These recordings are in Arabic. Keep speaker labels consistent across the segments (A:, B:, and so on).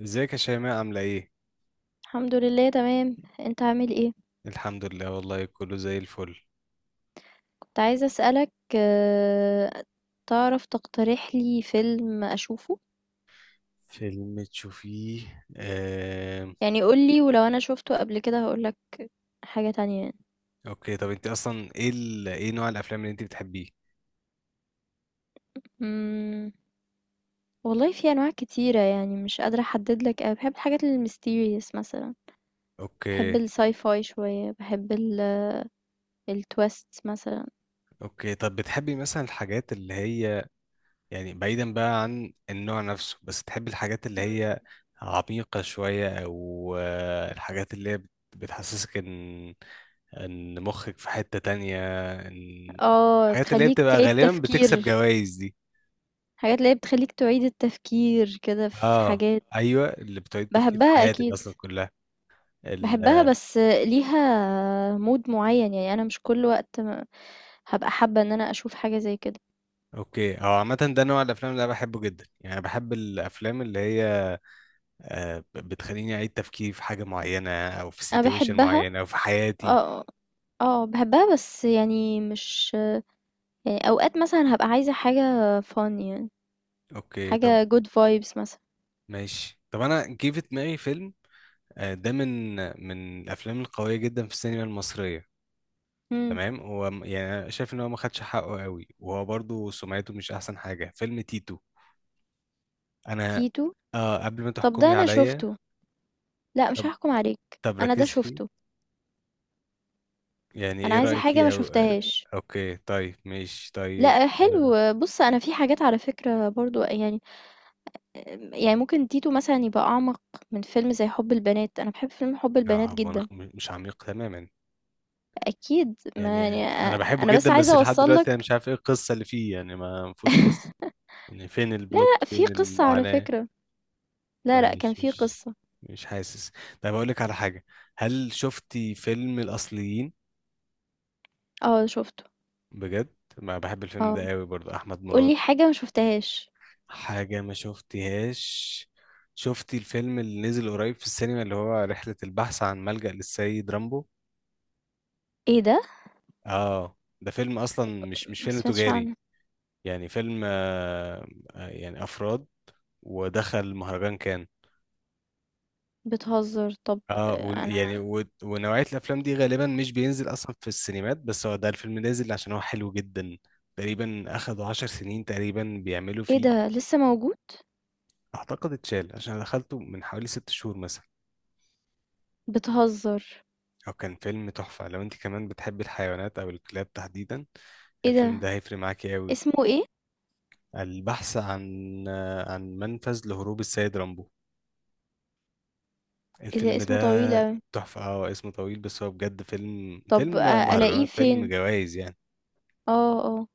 A: ازيك يا شيماء عاملة ايه؟
B: الحمد لله تمام. انت عامل ايه؟
A: الحمد لله والله كله زي الفل.
B: كنت عايزة اسألك، تعرف تقترح لي فيلم اشوفه؟
A: فيلم تشوفيه
B: يعني قولي، ولو انا شوفته قبل كده هقولك حاجة تانية يعني.
A: اوكي طب انت اصلا ايه نوع الافلام اللي انت بتحبيه؟
B: مم، والله في انواع كتيرة، يعني مش قادرة احدد لك أوي. بحب الحاجات الميستيريس مثلا. بحب
A: اوكي.
B: الساي فاي شوية، بحب التويست مثلا.
A: اوكي طب بتحبي مثلا الحاجات اللي هي، يعني بعيدا بقى عن النوع نفسه، بس تحبي الحاجات اللي
B: مم.
A: هي عميقة شوية او الحاجات اللي هي بتحسسك ان مخك في حتة تانية، ان
B: اه،
A: الحاجات اللي هي
B: تخليك
A: بتبقى
B: تعيد
A: غالبا بتكسب
B: تفكير.
A: جوائز دي؟
B: حاجات اللي هي بتخليك تعيد التفكير كده في
A: اه.
B: حاجات.
A: ايوه اللي بتعيد التفكير في
B: بحبها
A: حياتك
B: اكيد.
A: اصلا كلها. ال
B: باحبها
A: آه،
B: بس ليها mood معيّن، يعني أنا مش كل وقت هابقى حابة إن أنا أشوف حاجة زي كده.
A: اوكي. هو عامه ده نوع الافلام اللي انا بحبه جدا، يعني بحب الافلام اللي هي بتخليني اعيد تفكير في حاجه معينه او في
B: أنا
A: سيتويشن
B: باحبها،
A: معينه او في حياتي.
B: آه، باحبها بس يعني مش. يعني أوقات مثلًا هابقى عايزة حاجة fun يعني،
A: اوكي طب
B: حاجة good vibes مثلًا.
A: ماشي طب. انا جه في دماغي فيلم، ده من الافلام القويه جدا في السينما المصريه.
B: إمم،
A: تمام. هو يعني أنا شايف ان هو ما خدش حقه قوي، وهو برضو سمعته مش احسن حاجه، فيلم تيتو. انا
B: تيتو؟
A: قبل ما
B: طَب ده
A: تحكمي
B: أنا
A: عليا.
B: شُفته. لأ، مش
A: طب
B: هاحكم عليك،
A: طب
B: أنا ده
A: ركز
B: شُفته،
A: فيه. يعني
B: أنا
A: ايه
B: عايزة
A: رأيك
B: حاجة ما
A: فيه.
B: شُفتهاش.
A: اوكي طيب ماشي طيب.
B: لأ،
A: اه.
B: حلو، بُص أنا في حاجات على فكرة برضه يعني ممكن تيتو مثلًا يبقى أعمق من فيلم زي حُب البنات. أنا باحب فيلم حُب البنات
A: هو
B: جدًا،
A: مش عميق تماما،
B: أكيد ما
A: يعني
B: يعني
A: انا بحبه
B: أنا بس
A: جدا، بس
B: عايزة
A: لحد
B: أوصّل
A: دلوقتي انا مش
B: لك.
A: عارف ايه القصة اللي فيه، يعني ما فيهوش قصة. يعني فين
B: لا،
A: البلوت،
B: لأ، في
A: فين
B: قصة على
A: المعاناة.
B: فكرة. لا، لأ، كان
A: مش
B: في
A: مش
B: قصة.
A: مش حاسس. طيب اقول لك على حاجة، هل شفتي فيلم الأصليين؟
B: آه شُفته،
A: بجد ما بحب الفيلم
B: آه،
A: ده قوي، برضو احمد
B: قُل
A: مراد.
B: لي حاجة ما شُفتهاش.
A: حاجة ما شفتهاش، شفتي الفيلم اللي نزل قريب في السينما اللي هو رحلة البحث عن ملجأ للسيد رامبو؟
B: إيه ده؟
A: اه ده فيلم أصلا مش
B: ما
A: فيلم
B: سمعتش
A: تجاري،
B: عنه.
A: يعني فيلم، يعني أفراد، ودخل مهرجان كان.
B: بتهزر، طب.
A: اه و
B: أنا.
A: يعني و ونوعية الأفلام دي غالبا مش بينزل أصلا في السينمات، بس هو ده الفيلم نازل عشان هو حلو جدا. تقريبا أخدوا 10 سنين تقريبا بيعملوا
B: إيه
A: فيه.
B: ده لسه موجود؟
A: أعتقد اتشال، عشان أنا دخلته من حوالي 6 شهور مثلا.
B: بتهزر.
A: هو كان فيلم تحفة، لو انت كمان بتحب الحيوانات او الكلاب تحديدا
B: إيه
A: الفيلم
B: ده.
A: ده هيفرق معاكي قوي.
B: اسمه إيه؟
A: البحث عن منفذ لهروب السيد رامبو،
B: إيه ده
A: الفيلم ده
B: اسمه طويل أوي.
A: تحفة. اه اسمه طويل بس هو بجد فيلم
B: طب
A: فيلم
B: ألاقيه
A: مهرجانات، فيلم
B: فين؟
A: جوائز يعني.
B: آه، آه،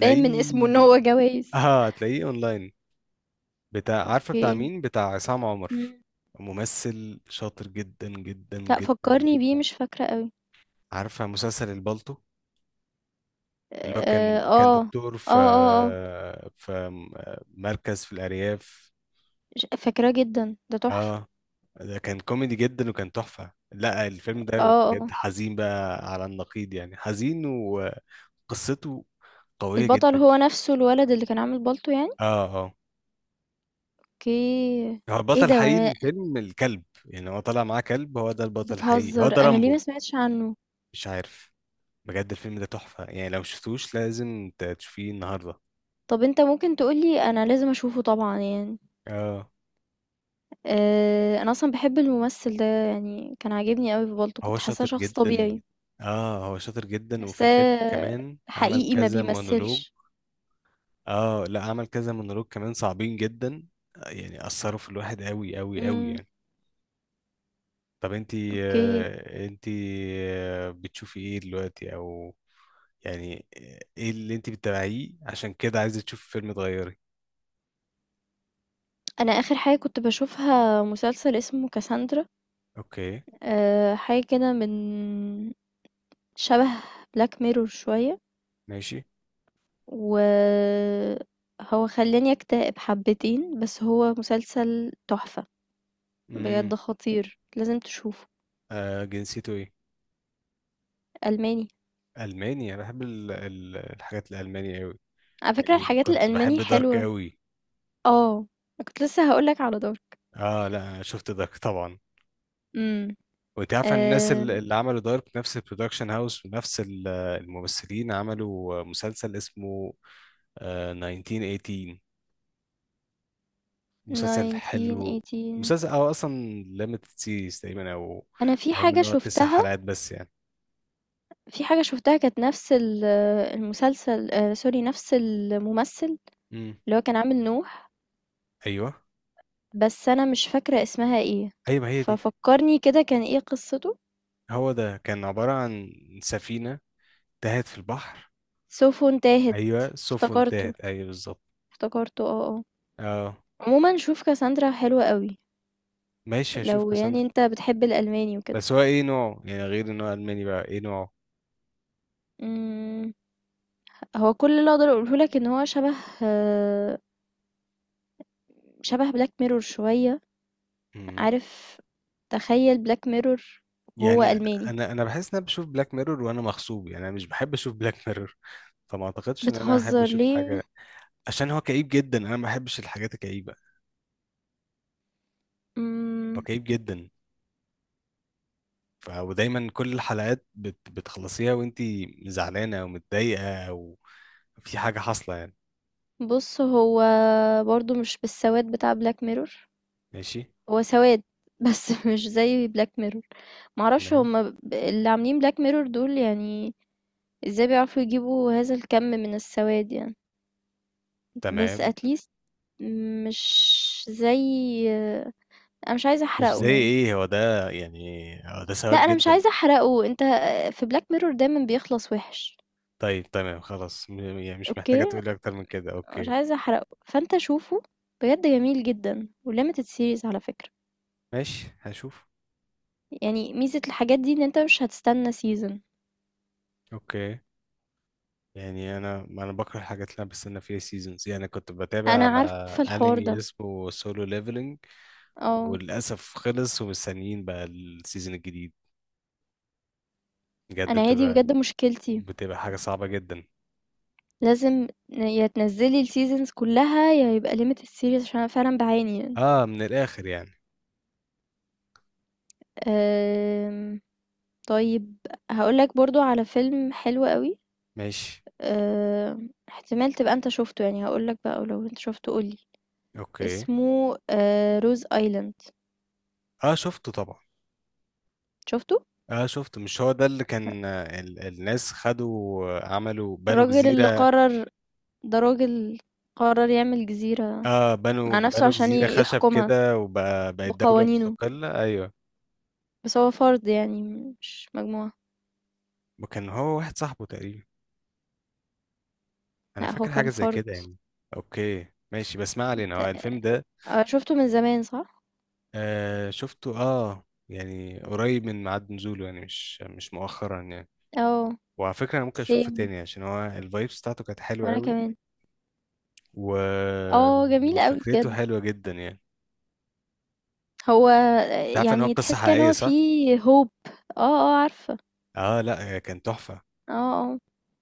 B: باين من اسمه إن هو جوايز.
A: اه هتلاقيه اونلاين، بتاع، عارفة بتاع
B: أوكي.
A: مين، بتاع عصام عمر.
B: إمم.
A: ممثل شاطر جدا جدا
B: لأ،
A: جدا
B: فكّرني بيه
A: جدا.
B: مش فاكرة أوي.
A: عارفة مسلسل البالتو اللي هو كان
B: آه.
A: دكتور
B: آه،
A: في
B: آه، آه.
A: في مركز في الأرياف؟
B: فاكراه جدًا، ده تحفة.
A: اه ده كان كوميدي جدا وكان تحفة، لا الفيلم ده
B: آه، آه.
A: بجد حزين بقى، على النقيض يعني، حزين وقصته قوية
B: البطل
A: جدا.
B: هو نَفْسه الولد اللي كان عامل بالطو يعني؟
A: اه اه،
B: أوكي.
A: هو
B: إيه
A: البطل
B: ده،
A: الحقيقي
B: وأنا
A: للفيلم الكلب، يعني هو طالع معاه كلب، هو ده البطل الحقيقي، هو
B: بتهزر!
A: ده
B: أنا ليه
A: رامبو.
B: ما سمعتش عنّه؟
A: مش عارف. بجد الفيلم ده تحفة يعني، لو مشفتوش لازم تشوفيه النهاردة.
B: طَب أنت ممكن تقول لي أنا لازم أشوفه طبعًا يعني.
A: اه
B: أنا أصلًا باحب الممثل ده، يعني كان عاجبني أوي في بالطو،
A: هو
B: كنت حاسّاه
A: شاطر
B: شخص
A: جدا.
B: طبيعي.
A: اه هو شاطر جدا، وفي الفيلم
B: حاسّاه
A: كمان عمل
B: حقيقي ما
A: كذا مونولوج.
B: بيمثّلش.
A: اه لا عمل كذا مونولوج كمان صعبين جدا، يعني اثروا في الواحد قوي قوي قوي
B: إمم.
A: يعني. طب انتي
B: أوكي.
A: آه انتي بتشوفي ايه دلوقتي، او يعني ايه اللي انتي بتتابعيه عشان كده عايزة تشوفي فيلم تغيري؟
B: أنا آخر حاجة كنت باشوفها مسلسل اسمه كاساندرا.
A: اوكي
B: حاجة كده من، شبه بلاك ميرور شوية،
A: ماشي.
B: وهو خلّاني أكتئب حبتين، بس هو مسلسل تحفة،
A: امم.
B: بجد خطير، لازم تشوفه.
A: جنسيته ايه؟
B: ألماني.
A: المانيا، بحب الحاجات الالمانية قوي،
B: على فكرة
A: يعني
B: الحاجات
A: كنت
B: الألماني
A: بحب دارك
B: حلوة.
A: قوي.
B: آه، كنت لسه هاقول لك على دارك.
A: اه لا انا شفت دارك طبعا.
B: إمم،
A: وانت عارف ان الناس
B: آآ
A: اللي عملوا دارك نفس البرودكشن هاوس، ونفس الممثلين عملوا مسلسل اسمه 1918، مسلسل حلو.
B: 1918.
A: مسلسل او اصلا ليميتد سيريز تقريبا، او
B: أنا في
A: المهم ان
B: حاجة
A: هو تسع
B: شُفتها
A: حلقات بس يعني.
B: في حاجة شُفتها كانت نفس المسلسل sorry، نفس الممثل،
A: امم.
B: اللي هو كان عامل نوح،
A: ايوه،
B: بس أنا مش فاكرة اسمها إيه،
A: ايوه ما هي دي.
B: ففكّرني كده كان إيه قصّته؟
A: هو ده كان عبارة عن سفينة تاهت في البحر.
B: سيفه انتهت.
A: ايوه سفن
B: افتكرته،
A: تاهت، ايوه بالظبط.
B: افتكرته، آه، آه.
A: اه
B: عمومًا شوف كاساندرا حلوة أوي،
A: ماشي هشوف
B: لو يعني
A: كاساندرا.
B: أنت بتحب الألماني وكده.
A: بس هو ايه نوعه يعني، غير ان هو الماني بقى، ايه
B: إمم، هو كل اللي أقدر أقوله لك إن هو آه، شبه black mirror شوية،
A: نوعه
B: عارف، تخيّل black mirror وهو
A: يعني؟
B: ألماني.
A: انا بحس ان انا بشوف بلاك ميرور وانا مغصوب، يعني انا مش بحب اشوف بلاك ميرور. فما اعتقدش ان انا احب
B: بتهزر
A: اشوف
B: ليه؟
A: حاجه، عشان هو كئيب جدا، انا ما بحبش الحاجات الكئيبه. هو
B: إمم.
A: كئيب جدا. ودايما كل الحلقات بتخلصيها وانت زعلانه او متضايقه، او في حاجه حاصله يعني.
B: بص، هو برضو مش بالسواد بتاع بلاك ميرور.
A: ماشي.
B: هو سواد بس مش زي بلاك ميرور. معرفش،
A: تمام.
B: هما اللي عاملين بلاك ميرور دول يعني ازاي بيعرفوا يجيبوا هذا الكم من السواد يعني. بس
A: تمام.
B: اتليست مش زي. انا مش عايزه
A: مش زي
B: احرقه يعني.
A: ايه هو ده يعني، هو ده
B: لا،
A: سواك
B: انا مش
A: جدا.
B: عايزه احرقه، انت. في بلاك ميرور دايما بيخلص وحش.
A: طيب تمام. خلاص يعني مش محتاجه
B: اوكي.
A: تقولي اكتر من كده،
B: مش
A: اوكي.
B: عايزه احرقه فانت شوفه. بجد جميل جدا وليميتد سيريز على فكره.
A: ماشي هشوف.
B: يعني ميزة الحاجات دي ان انت مش هتستنى سيزون.
A: اوكي. يعني انا، ما انا بكره الحاجات اللي انا بستنى فيها سيزونز، يعني كنت بتابع
B: انا عارفة الحوار
A: انمي
B: ده.
A: اسمه سولو ليفلنج،
B: اه.
A: وللاسف خلص ومستنيين بقى السيزون الجديد. بجد
B: انا هي دي
A: بتبقى
B: بجد مشكلتي.
A: بتبقى حاجه صعبه جدا.
B: لازم يا تنزلي السيزونز كلها، يا يبقى ليميت السيريز، عشان انا فعلا بعاني.
A: اه من الاخر يعني.
B: أم... طيب. هقولك برضو على فيلم حلو قوي.
A: ماشي
B: احتمال تبقى انت شفته يعني، هقولك بقى ولو انت شفته قولي.
A: اوكي.
B: اسمه روز ايلاند.
A: اه شفته طبعا.
B: شفته.
A: اه شفته، مش هو ده اللي كان الناس خدوا، بنوا
B: الراجل اللي
A: جزيره؟
B: قرر، ده راجل قرر يعمل جزيرة
A: اه بنوا
B: مع نفسه
A: بنوا
B: عشان
A: جزيره خشب
B: يحكمها
A: كده، وبقت دوله
B: بقوانينه،
A: مستقله، ايوه.
B: بس هو فرد يعني، مش مجموعة.
A: وكان هو واحد صاحبه تقريبا، انا
B: لأ، هو
A: فاكر
B: كان
A: حاجه زي
B: فرد.
A: كده يعني. اوكي ماشي بس ما علينا،
B: ت
A: هو الفيلم ده
B: آه شُفته من زمان، صح؟
A: آه شفته، اه يعني قريب من ميعاد نزوله يعني، مش مؤخرا يعني.
B: آه.
A: وعلى فكره انا ممكن اشوفه
B: same،
A: تاني، عشان هو الفايبس بتاعته كانت حلوه
B: وأنا
A: قوي
B: كمان.
A: و...
B: آه، جميل أوي
A: وفكرته
B: بجد.
A: حلوه جدا يعني.
B: هو،
A: انت عارف ان هو
B: يعني
A: قصه
B: تحس كده إن
A: حقيقيه،
B: هو
A: صح؟
B: فيه hope. آه، آه، عارفة.
A: اه لا هي كان تحفه.
B: آه، آه.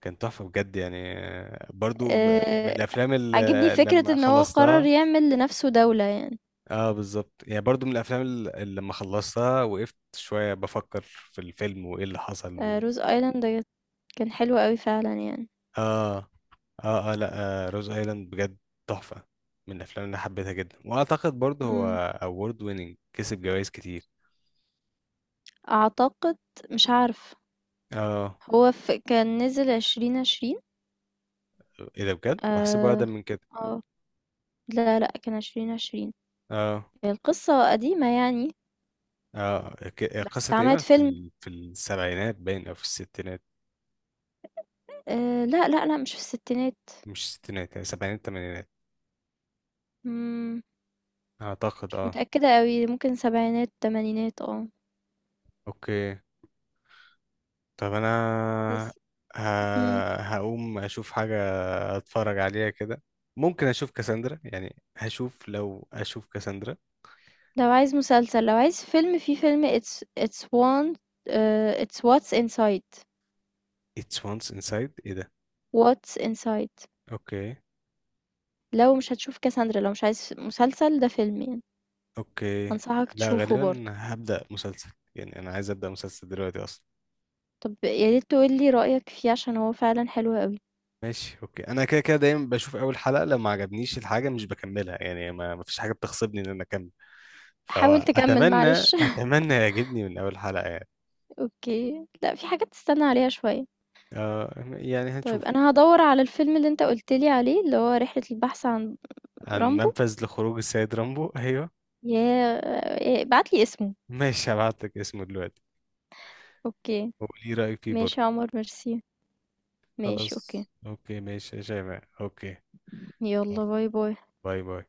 A: كان تحفه بجد، يعني برضو من
B: آآ
A: الافلام
B: عاجبني
A: اللي
B: فكرة
A: لما
B: إن هو قرر
A: خلصتها.
B: يعمل لنَفْسه دولة يعني.
A: اه بالظبط، يعني برضو من الافلام اللي لما خلصتها وقفت شويه بفكر في الفيلم، وايه اللي حصل و...
B: Rose island كان حلو أوي فعلًا يعني.
A: اه اه اه. لا، روز ايلاند بجد تحفه، من الافلام اللي حبيتها جدا، واعتقد برضو هو
B: إمم.
A: اوورد ويننج، كسب جوائز كتير.
B: أعتقد، مش عارفة.
A: اه.
B: هو ف كان نزل 2020.
A: ايه ده بجد بحسبه
B: آه.
A: اقدم من كده.
B: آه. لا، لأ، كان 2020.
A: اه
B: القصة قديمة يعني،
A: اه،
B: بس
A: قصه
B: اتعملت
A: تقريبا
B: فيلم.
A: في السبعينات باين او في الستينات.
B: لأ، لأ، لأ، مش في الستينات.
A: مش الستينات، يعني سبعينات تمانينات
B: إمم،
A: اعتقد،
B: مش
A: اه.
B: متأكدة أوي، ممكن سبعينات، تمانينات،
A: اوكي. طب انا
B: بس.
A: ه...
B: إمم،
A: هقوم اشوف حاجه، هتفرج عليها كده. ممكن اشوف كاساندرا، يعني هشوف، لو اشوف كاساندرا.
B: لو عايز مسلسل، لو عايز فيلم، في فيلم It's one. It's What's Inside.
A: It's once inside، ايه ده؟
B: What's Inside.
A: اوكي.
B: لو مش هتشوف كاساندرا، لو مش عايز مسلسل، ده فيلم يعني،
A: اوكي.
B: أنصحك
A: لا
B: تشوفه
A: غالبا
B: برضه.
A: هبدأ مسلسل، يعني انا عايز ابدأ مسلسل دلوقتي اصلا.
B: طب يا ريت تقول لي رأيك فيه عشان هو فعلًا حلو أوي.
A: ماشي اوكي. انا كده كده دايما بشوف اول حلقة، لو ما عجبنيش الحاجة مش بكملها يعني، ما فيش حاجة بتغصبني ان انا اكمل.
B: حاول
A: فهو
B: تكمّل
A: اتمنى
B: معلش.
A: اتمنى يعجبني من اول حلقة يعني.
B: اوكي، لا في حاجات تستنى عليها شوية.
A: يعني
B: طيب
A: هنشوف.
B: انا هدور على الفيلم اللي انت قلتلي عليه، اللي هو رحلة البحث عن
A: عن
B: رامبو.
A: منفذ لخروج السيد رامبو، ايوه.
B: يا، إيه، بعتلي اسمه.
A: ماشي هبعتلك اسمه دلوقتي،
B: اوكي.
A: وقولي رأيك فيه برضه.
B: ماشي يا عمر، ميرسي. ماشي اوكي.
A: خلاص اوكي ماشي يا شيماء اوكي. يلا
B: يلا، باي باي.
A: باي باي.